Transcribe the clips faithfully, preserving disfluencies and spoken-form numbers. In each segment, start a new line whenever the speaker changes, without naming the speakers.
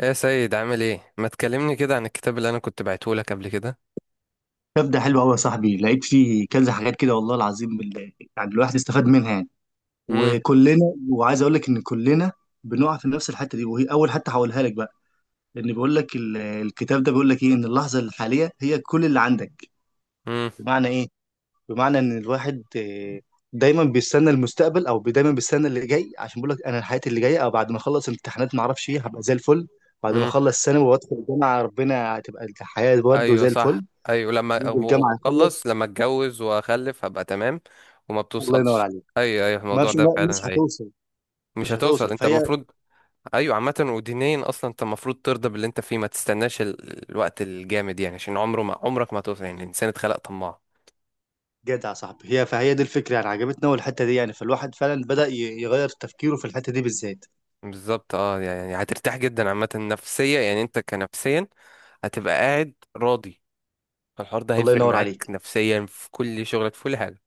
ايه يا سيد، عامل ايه؟ ما تكلمني كده عن الكتاب اللي انا كنت بعته لك قبل كده؟
طب ده حلو قوي يا صاحبي، لقيت فيه كذا حاجات كده، والله العظيم بال- يعني الواحد استفاد منها يعني.
امم.
وكلنا وعايز اقول لك ان كلنا بنقع في نفس الحته دي، وهي اول حته هقولها لك بقى. لان بيقول لك ال- الكتاب ده بيقول لك ايه؟ ان اللحظه الحاليه هي كل اللي عندك.
امم.
بمعنى ايه؟ بمعنى ان الواحد آه، دايما بيستنى المستقبل، او دايما بيستنى اللي جاي، عشان بيقول لك انا حياتي اللي جايه، او بعد ما اخلص امتحانات ما اعرفش ايه هبقى زي الفل. بعد ما
امم.
اخلص ثانوي وادخل الجامعه ربنا هتبقى الحياه برده
ايوه،
زي
صح.
الفل.
ايوه، لما
يجي
أبو-
الجامعه يخلص.
اخلص، لما اتجوز واخلف هبقى تمام. وما
الله ينور
بتوصلش.
عليك.
ايوه، ايوه،
ما
الموضوع
مش
ده
ما- مش
فعلا. هي...
هتوصل،
مش
مش هتوصل
هتوصل، انت
فهي.
المفروض... ايوه، عامه ودينيا اصلا انت المفروض ترضى باللي انت فيه، ما تستناش ال- الوقت الجامد يعني، عشان عمره ما عمرك ما هتوصل، يعني الانسان اتخلق طماع.
جدع يا صاحبي، هي فهي دي الفكره يعني، عجبتنا أوي الحته دي يعني، فالواحد فعلا بدأ ي- يغير تفكيره في الحته دي بالذات.
بالظبط، اه يعني هترتاح جدا عامه نفسيا، يعني انت كنفسيا هتبقى قاعد راضي. فالحوار ده
الله
هيفرق
ينور
معاك
عليك.
نفسيا في كل شغلك، في كل حاجة.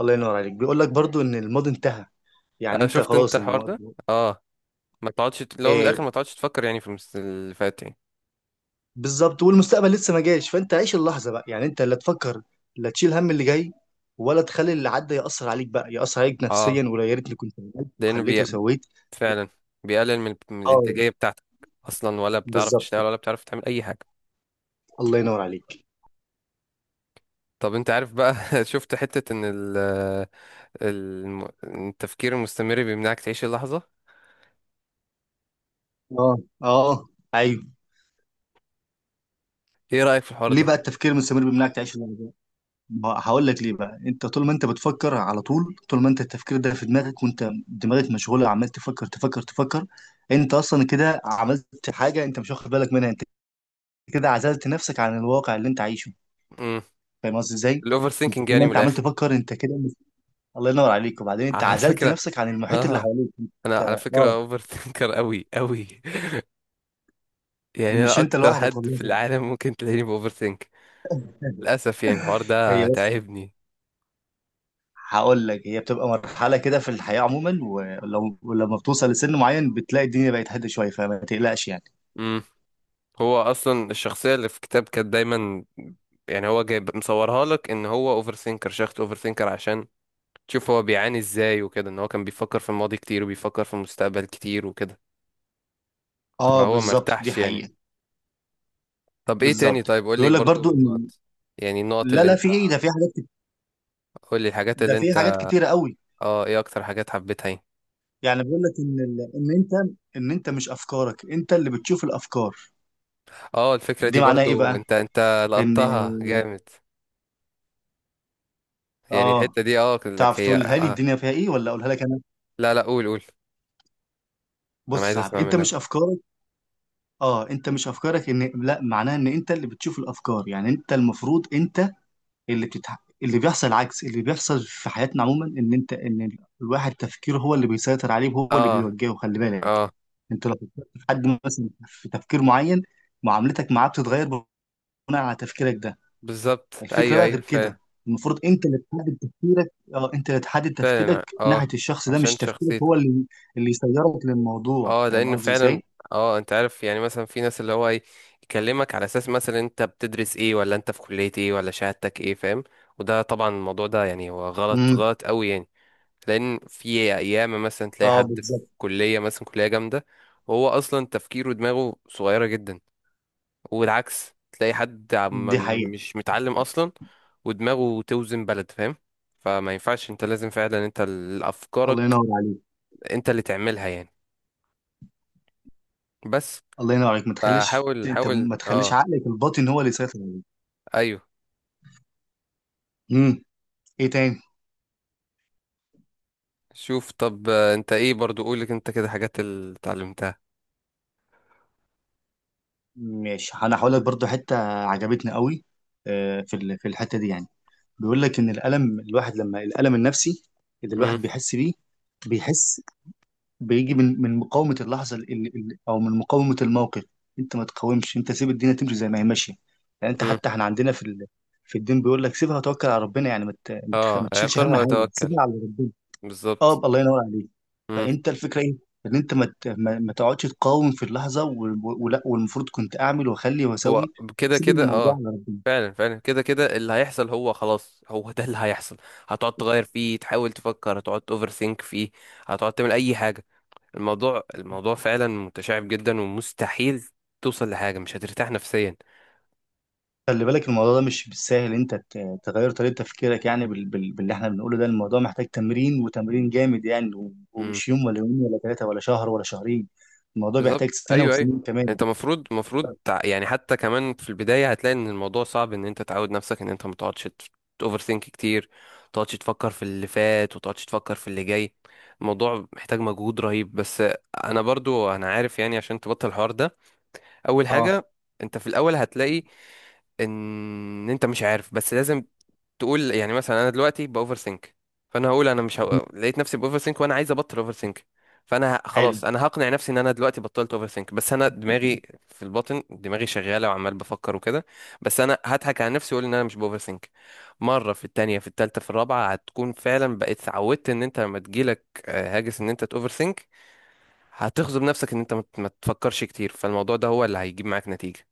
الله ينور عليك. بيقول لك برضو ان الماضي انتهى، يعني
أنا
انت
شفت أنت
خلاص
الحوار
الم...
ده. اه، ما تقعدش ت- لو من الآخر
إيه
ما تقعدش تفكر يعني في المس- اللي فات يعني.
بالظبط. والمستقبل لسه ما جاش، فانت عيش اللحظه بقى. يعني انت لا تفكر، لا تشيل هم اللي جاي، ولا تخلي اللي عدى يأثر عليك بقى، يأثر عليك
اه،
نفسيا، ولا يا ريتني كنت عملت
لأنه
وخليت
بي...
وسويت.
فعلا بيقلل من... من
اه
الإنتاجية بتاعتك. أصلا، ولا بتعرف
بالظبط.
تشتغل ولا بتعرف تعمل أي حاجة.
الله ينور عليك.
طب أنت عارف بقى؟ شفت حتة إن ال... الم- التفكير المستمر بيمنعك تعيش اللحظة.
اه. اه. ايوه.
إيه رأيك في الحوار
ليه
ده؟
بقى التفكير المستمر بيمنعك تعيش اللحظه دي؟ ما هو هقول لك ليه بقى. انت طول ما انت بتفكر على طول، طول ما انت التفكير ده في دماغك وانت دماغك مشغوله عمال تفكر تفكر تفكر، انت اصلا كده عملت حاجه انت مش واخد بالك منها. انت كده عزلت نفسك عن الواقع اللي انت عايشه.
امم.
فاهم قصدي ازاي؟
الأوفر
انت
ثينكينج
طول
يعني،
ما
من
انت عمال
الآخر.
تفكر انت كده مش... الله ينور عليك. وبعدين انت
على
عزلت
فكرة
نفسك عن المحيط اللي
اه
حواليك
أنا
انت.
على
اه.
فكرة أوفر ثينكر أوي أوي. يعني
مش
انا
انت
اكتر
لوحدك
حد في
والله.
العالم ممكن تلاقيني باوفر ثينك. للاسف، يعني الحوار
هي
ده
بس،
تعبني.
هقول لك، هي بتبقى مرحلة كده في الحياة عموما، ولو ولما بتوصل لسن معين بتلاقي الدنيا بقت هادية شوية، فما تقلقش يعني.
امم. هو اصلا الشخصيه اللي في الكتاب كانت دايما يعني، هو جايب مصورها لك ان هو اوفر ثينكر شخص اوفر ثينكر عشان تشوف هو بيعاني ازاي وكده، ان هو كان بيفكر في الماضي كتير وبيفكر في المستقبل كتير وكده،
اه
فهو
بالظبط، دي
مرتاحش يعني.
حقيقة.
طب ايه تاني؟
بالظبط.
طيب قول لي
بيقول لك
برضو
برضو
من
إن،
النقط. يعني النقط
لا
اللي
لا،
انت...
في ايه ده، في حاجات كت-
قول لي الحاجات
ده
اللي
في حاجات
انت...
كتيرة قوي.
اه، ايه اكتر حاجات حبيتها يعني؟
يعني بيقول لك ان ال... ان انت ان انت مش افكارك، انت اللي بتشوف الافكار.
اه، الفكره دي
دي معناها ايه
برضو
بقى؟
انت انت
ان
لقطتها جامد. يعني
اه
الحتة دي اه قلت لك،
تعرف
هي
تقولها لي
اه...
الدنيا فيها ايه، ولا اقولها لك انا؟
لا، لا، قول، قول. انا
بص يا
عايز
صاحبي،
اسمع
انت
منك.
مش افكارك. اه انت مش افكارك، ان لا معناها ان انت اللي بتشوف الافكار. يعني انت المفروض انت اللي بتتح... اللي بيحصل العكس. اللي بيحصل في حياتنا عموما ان انت، ان الواحد تفكيره هو اللي بيسيطر عليه وهو اللي
اه،
بيوجهه. خلي بالك،
اه،
انت لو فكرت في حد مثلا في تفكير معين، معاملتك معاه بتتغير بناء على تفكيرك ده.
بالظبط،
الفكره
ايوه،
بقى
ايوه،
غير
فعلا.
كده. المفروض انت اللي تحدد تفكيرك، اه انت اللي تحدد تفكيرك
فعلا، اه
ناحيه الشخص ده،
عشان
مش تفكيرك
شخصيته.
هو اللي اللي يسيرك للموضوع.
اه
فاهم
لان
قصدي
فعلا،
ازاي؟
اه انت عارف يعني، مثلا في ناس اللي هو ايه، يكلمك على اساس مثلا انت بتدرس ايه، ولا انت في كلية ايه، ولا شهادتك ايه، فاهم؟ وده طبعا الموضوع ده يعني هو غلط
امم.
غلط قوي يعني. لان في ايام مثلا تلاقي
اه
حد في
بالظبط،
كلية مثلا، كلية جامدة، وهو اصلا تفكيره ودماغه صغيرة جدا. والعكس تلاقي حد عم
دي حقيقه.
مش متعلم اصلا ودماغه توزن بلد، فاهم؟ فما ينفعش، انت لازم فعلا انت ال-
الله
افكارك
ينور عليك.
انت اللي تعملها يعني، بس.
الله ينور عليك. ما تخليش
فحاول
انت،
حاول،
ما تخليش
اه،
عقلك الباطن هو اللي يسيطر عليك.
ايوه.
مم. ايه تاني؟
شوف طب، آه، انت ايه برضو قولك انت كده حاجات اللي اتعلمتها؟
ماشي، انا هقول لك برضو حته عجبتني قوي. آه، في ال- في الحته دي يعني، بيقول لك ان الالم، الواحد لما الالم النفسي اللي
امم.
الواحد بيحس بيه، بيحس، بيجي من من مقاومه اللحظه ال- ال- ال- او من مقاومه الموقف. انت ما تقاومش، انت سيب الدنيا تمشي زي ما هي ماشيه. يعني انت
امم.
حتى احنا عندنا في ال- في الدين بيقول لك سيبها وتوكل على ربنا، يعني ما ت- ما تخ-
اه،
ما تشيلش هم
اعقرها
حاجه،
وتوكل.
سيبها على ربنا. اه
بالظبط،
الله ينور عليك. فانت الفكره ايه؟ ان انت ما ت- ما ما تقعدش تقاوم في اللحظه، و- و- ولا والمفروض كنت اعمل واخلي
هو
واسوي.
كده
سيب
كده
الموضوع
اه.
على ربنا.
فعلا، فعلا كده كده اللي هيحصل، هو خلاص، هو ده اللي هيحصل. هتقعد تغير فيه، تحاول تفكر، هتقعد اوفر ثينك فيه. هتقعد تعمل اي حاجة. الموضوع الموضوع فعلا متشعب جدا ومستحيل توصل لحاجة، مش هترتاح نفسيا.
خلي بالك الموضوع ده مش بالساهل، انت ت- تغير طريقه تفكيرك يعني بال... بال... باللي احنا بنقوله ده، الموضوع محتاج تمرين، وتمرين جامد يعني، و... ومش يوم ولا يومين ولا ثلاثه ولا شهر ولا شهرين. الموضوع
بالظبط،
بيحتاج سنه
ايوه، ايوه.
وسنين كمان.
انت مفروض مفروض تع- يعني حتى كمان في البدايه هتلاقي ان الموضوع صعب، ان انت تعود نفسك ان انت ما تقعدش اوفر ثينك كتير. ما تقعدش تفكر في اللي فات، وتقعدش تفكر في اللي جاي. الموضوع محتاج مجهود رهيب، بس. انا برضو انا عارف يعني، عشان تبطل الحوار ده. اول
اه.
حاجه، انت في الاول هتلاقي ان انت مش عارف، بس لازم تقول يعني مثلا انا دلوقتي باوفر سينك. فانا هقول انا مش هو... لقيت نفسي باوفر سينك وانا عايز ابطل اوفر سينك. فانا ه...
حلو.
خلاص انا هقنع نفسي ان انا دلوقتي بطلت اوفر سينك، بس انا دماغي في الباطن دماغي شغاله وعمال بفكر وكده. بس انا هضحك على نفسي واقول ان انا مش باوفر سينك. مره، في التانية، في التالتة، في الرابعه هتكون فعلا بقيت اتعودت، ان انت لما تجيلك آه، هاجس ان انت تاوفر سينك، هتغصب نفسك ان انت ما ت- ما تفكرش كتير، فالموضوع ده هو اللي هيجيب معاك نتيجه.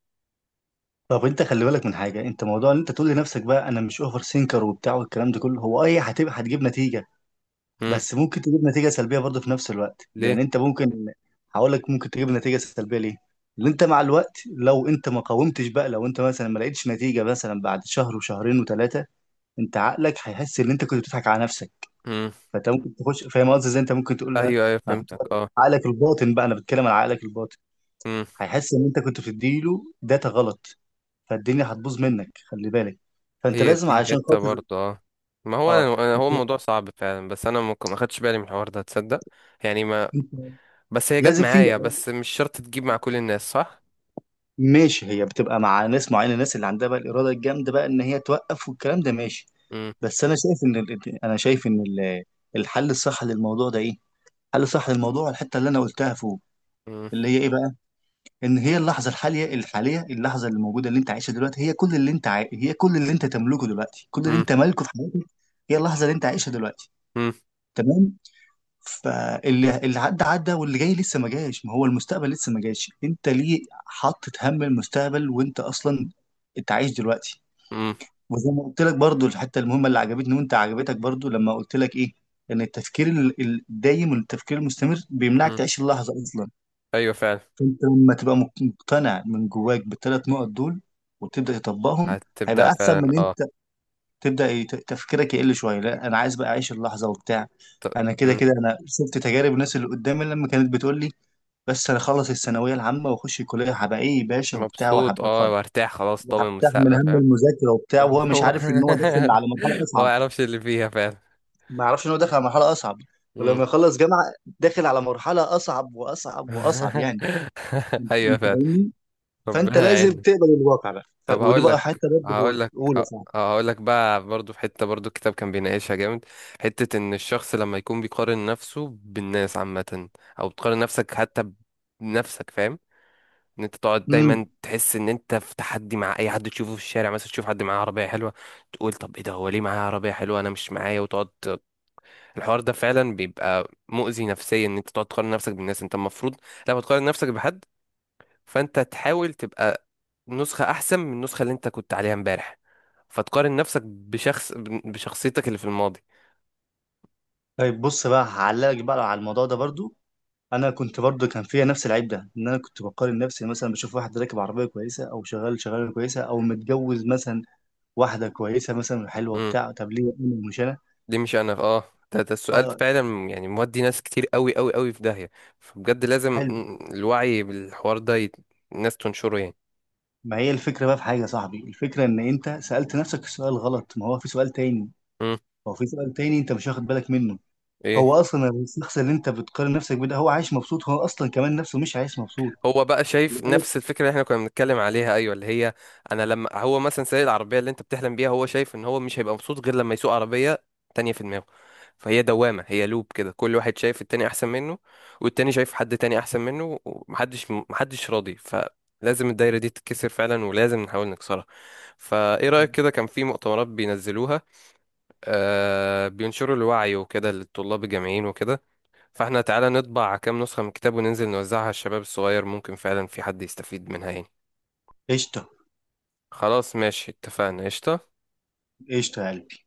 طب انت خلي بالك من حاجه، انت موضوع ان انت تقول لنفسك بقى انا مش اوفر سينكر وبتاع والكلام ده كله، هو اي هتبقى هتجيب نتيجه،
امم.
بس ممكن تجيب نتيجة سلبية برضه في نفس الوقت.
ليه؟
لأن أنت ممكن، هقول لك ممكن تجيب نتيجة سلبية ليه؟ لأن أنت مع الوقت لو أنت ما قاومتش بقى، لو أنت مثلا ما لقيتش نتيجة مثلا بعد شهر وشهرين وثلاثة، أنت عقلك هيحس إن أنت كنت بتضحك على نفسك.
امم.
فأنت ممكن تخش، فاهم قصدي إزاي؟ أنت ممكن تقول لا
ايوه، ايوه،
أنا كنت
فهمتك.
بضحك. على عقلك الباطن بقى، أنا بتكلم على عقلك الباطن،
اه
هيحس إن أنت كنت بتديله داتا غلط، فالدنيا هتبوظ منك خلي بالك. فأنت
هي
لازم
دي
علشان
حتة
خاطر،
برضه اه. ما هو
أه.
انا انا
أنت
هو الموضوع صعب فعلا، بس انا ممكن ما خدتش بالي من الحوار ده تصدق. يعني، ما...
أنت
بس هي جت
لازم في،
معايا، بس مش شرط تجيب مع كل الناس، صح؟
ماشي هي بتبقى مع ناس معينه، الناس اللي عندها بقى الاراده الجامده بقى ان هي توقف والكلام ده، ماشي.
امم.
بس انا شايف ان ال- انا شايف ان ال- الحل الصح للموضوع ده ايه؟ الحل الصح للموضوع الحته اللي انا قلتها فوق،
امم.
اللي هي ايه بقى؟ ان هي اللحظه الحاليه الحاليه اللحظه اللي موجوده اللي انت عايشها دلوقتي، هي كل اللي انت عاي... هي كل اللي انت تملكه دلوقتي، كل اللي
امم.
انت مالكه في حياتك. هي اللحظه اللي انت عايشها دلوقتي.
امم.
تمام؟ فاللي، اللي عدى عدى، واللي جاي لسه ما جاش، ما هو المستقبل لسه ما جاش، انت ليه حاطط هم المستقبل وانت اصلا انت عايش دلوقتي؟
امم.
وزي ما قلت لك برضو، الحته المهمه اللي عجبتني وانت عجبتك برضو، لما قلت لك ايه؟ ان التفكير ال- الدايم، والتفكير المستمر بيمنعك
امم.
تعيش اللحظه اصلا.
ايوه، فعلا.
فانت لما تبقى مقتنع من جواك بالثلاث نقط دول، وتبدا تطبقهم،
هتبدأ
هيبقى احسن
فعلا،
من
اه.
تبدا ي- ت- تفكيرك يقل شويه، لا انا عايز بقى اعيش اللحظه وبتاع.
ت-
انا كده
مم.
كده انا شفت تجارب الناس اللي قدامي، لما كانت بتقول لي بس انا اخلص الثانويه العامه واخش الكليه هبقى ايه يا باشا وبتاع،
مبسوط
وهبقى خ-
اه، وارتاح، خلاص ضامن
وهبتاع من
المستقبل،
هم
فاهم؟
المذاكره وبتاع، وهو مش
هو...
عارف ان هو داخل على مرحله
هو ما
اصعب.
يعرفش اللي فيها فعلا.
ما يعرفش ان هو داخل على مرحله اصعب،
امم.
ولما يخلص جامعه داخل على مرحله اصعب واصعب واصعب يعني.
ايوه،
انت
فعلا.
فاهمني؟ فانت
ربنا
لازم
يعيننا.
تقبل الواقع بقى، ف-
طب
ودي
هقول
بقى
لك
حته برضه هو
هقول لك
اولى صعب.
هقول لك بقى برضو، في حتة برضو الكتاب كان بيناقشها جامد، حتة ان الشخص لما يكون بيقارن نفسه بالناس عامة، او بتقارن نفسك حتى بنفسك، فاهم؟ ان انت تقعد
امم.
دايما تحس ان انت في تحدي مع اي حد تشوفه في الشارع، مثلا تشوف حد معاه عربية حلوة، تقول طب ايه ده، هو ليه معاه عربية حلوة انا مش معايا، وتقعد. الحوار ده فعلا بيبقى مؤذي نفسيا، ان انت تقعد تقارن نفسك بالناس. انت المفروض لما تقارن نفسك بحد، فانت تحاول تبقى نسخة احسن من النسخة اللي انت كنت عليها امبارح. فتقارن نفسك بشخص بشخصيتك اللي في الماضي.
طيب بص بقى هعلقك بقى على الموضوع ده برضو. انا كنت برضه كان فيا نفس العيب ده، ان انا كنت بقارن نفسي مثلا، بشوف واحد راكب عربيه كويسه، او شغال شغاله كويسه، او متجوز مثلا واحده كويسه مثلا حلوه
امم.
بتاع، طب ليه انا مش انا؟
دي مش انا، اه. ده, ده السؤال
اه.
فعلا، يعني مودي ناس كتير قوي قوي قوي في داهية. فبجد لازم
حلو.
مم، الوعي بالحوار ده يت... الناس تنشره يعني.
ما هي الفكره بقى، في حاجه يا صاحبي، الفكره ان انت سالت نفسك السؤال غلط، ما هو في سؤال تاني،
امم.
هو في سؤال تاني انت مش واخد بالك منه.
ايه؟
هو اصلا الشخص اللي انت بتقارن نفسك بيه ده هو عايش مبسوط؟ هو اصلا كمان نفسه مش عايش مبسوط.
هو بقى
خلي
شايف
بالك.
نفس الفكره اللي احنا كنا بنتكلم عليها، ايوه، اللي هي، انا لما هو مثلا سايق العربيه اللي انت بتحلم بيها، هو شايف ان هو مش هيبقى مبسوط غير لما يسوق عربيه تانية في دماغه. فهي دوامه، هي لوب كده، كل واحد شايف التاني احسن منه، والتاني شايف حد تاني احسن منه، ومحدش محدش راضي، فلازم الدايره دي تتكسر فعلا، ولازم نحاول نكسرها. فايه رايك؟ كده كان في مؤتمرات بينزلوها، آه بينشروا الوعي وكده للطلاب الجامعيين وكده، فاحنا تعالى نطبع كام نسخة من الكتاب وننزل نوزعها على الشباب الصغير، ممكن فعلا في حد يستفيد منها يعني.
قشطه.
خلاص، ماشي، اتفقنا، قشطة.
قشطه يا قلبي.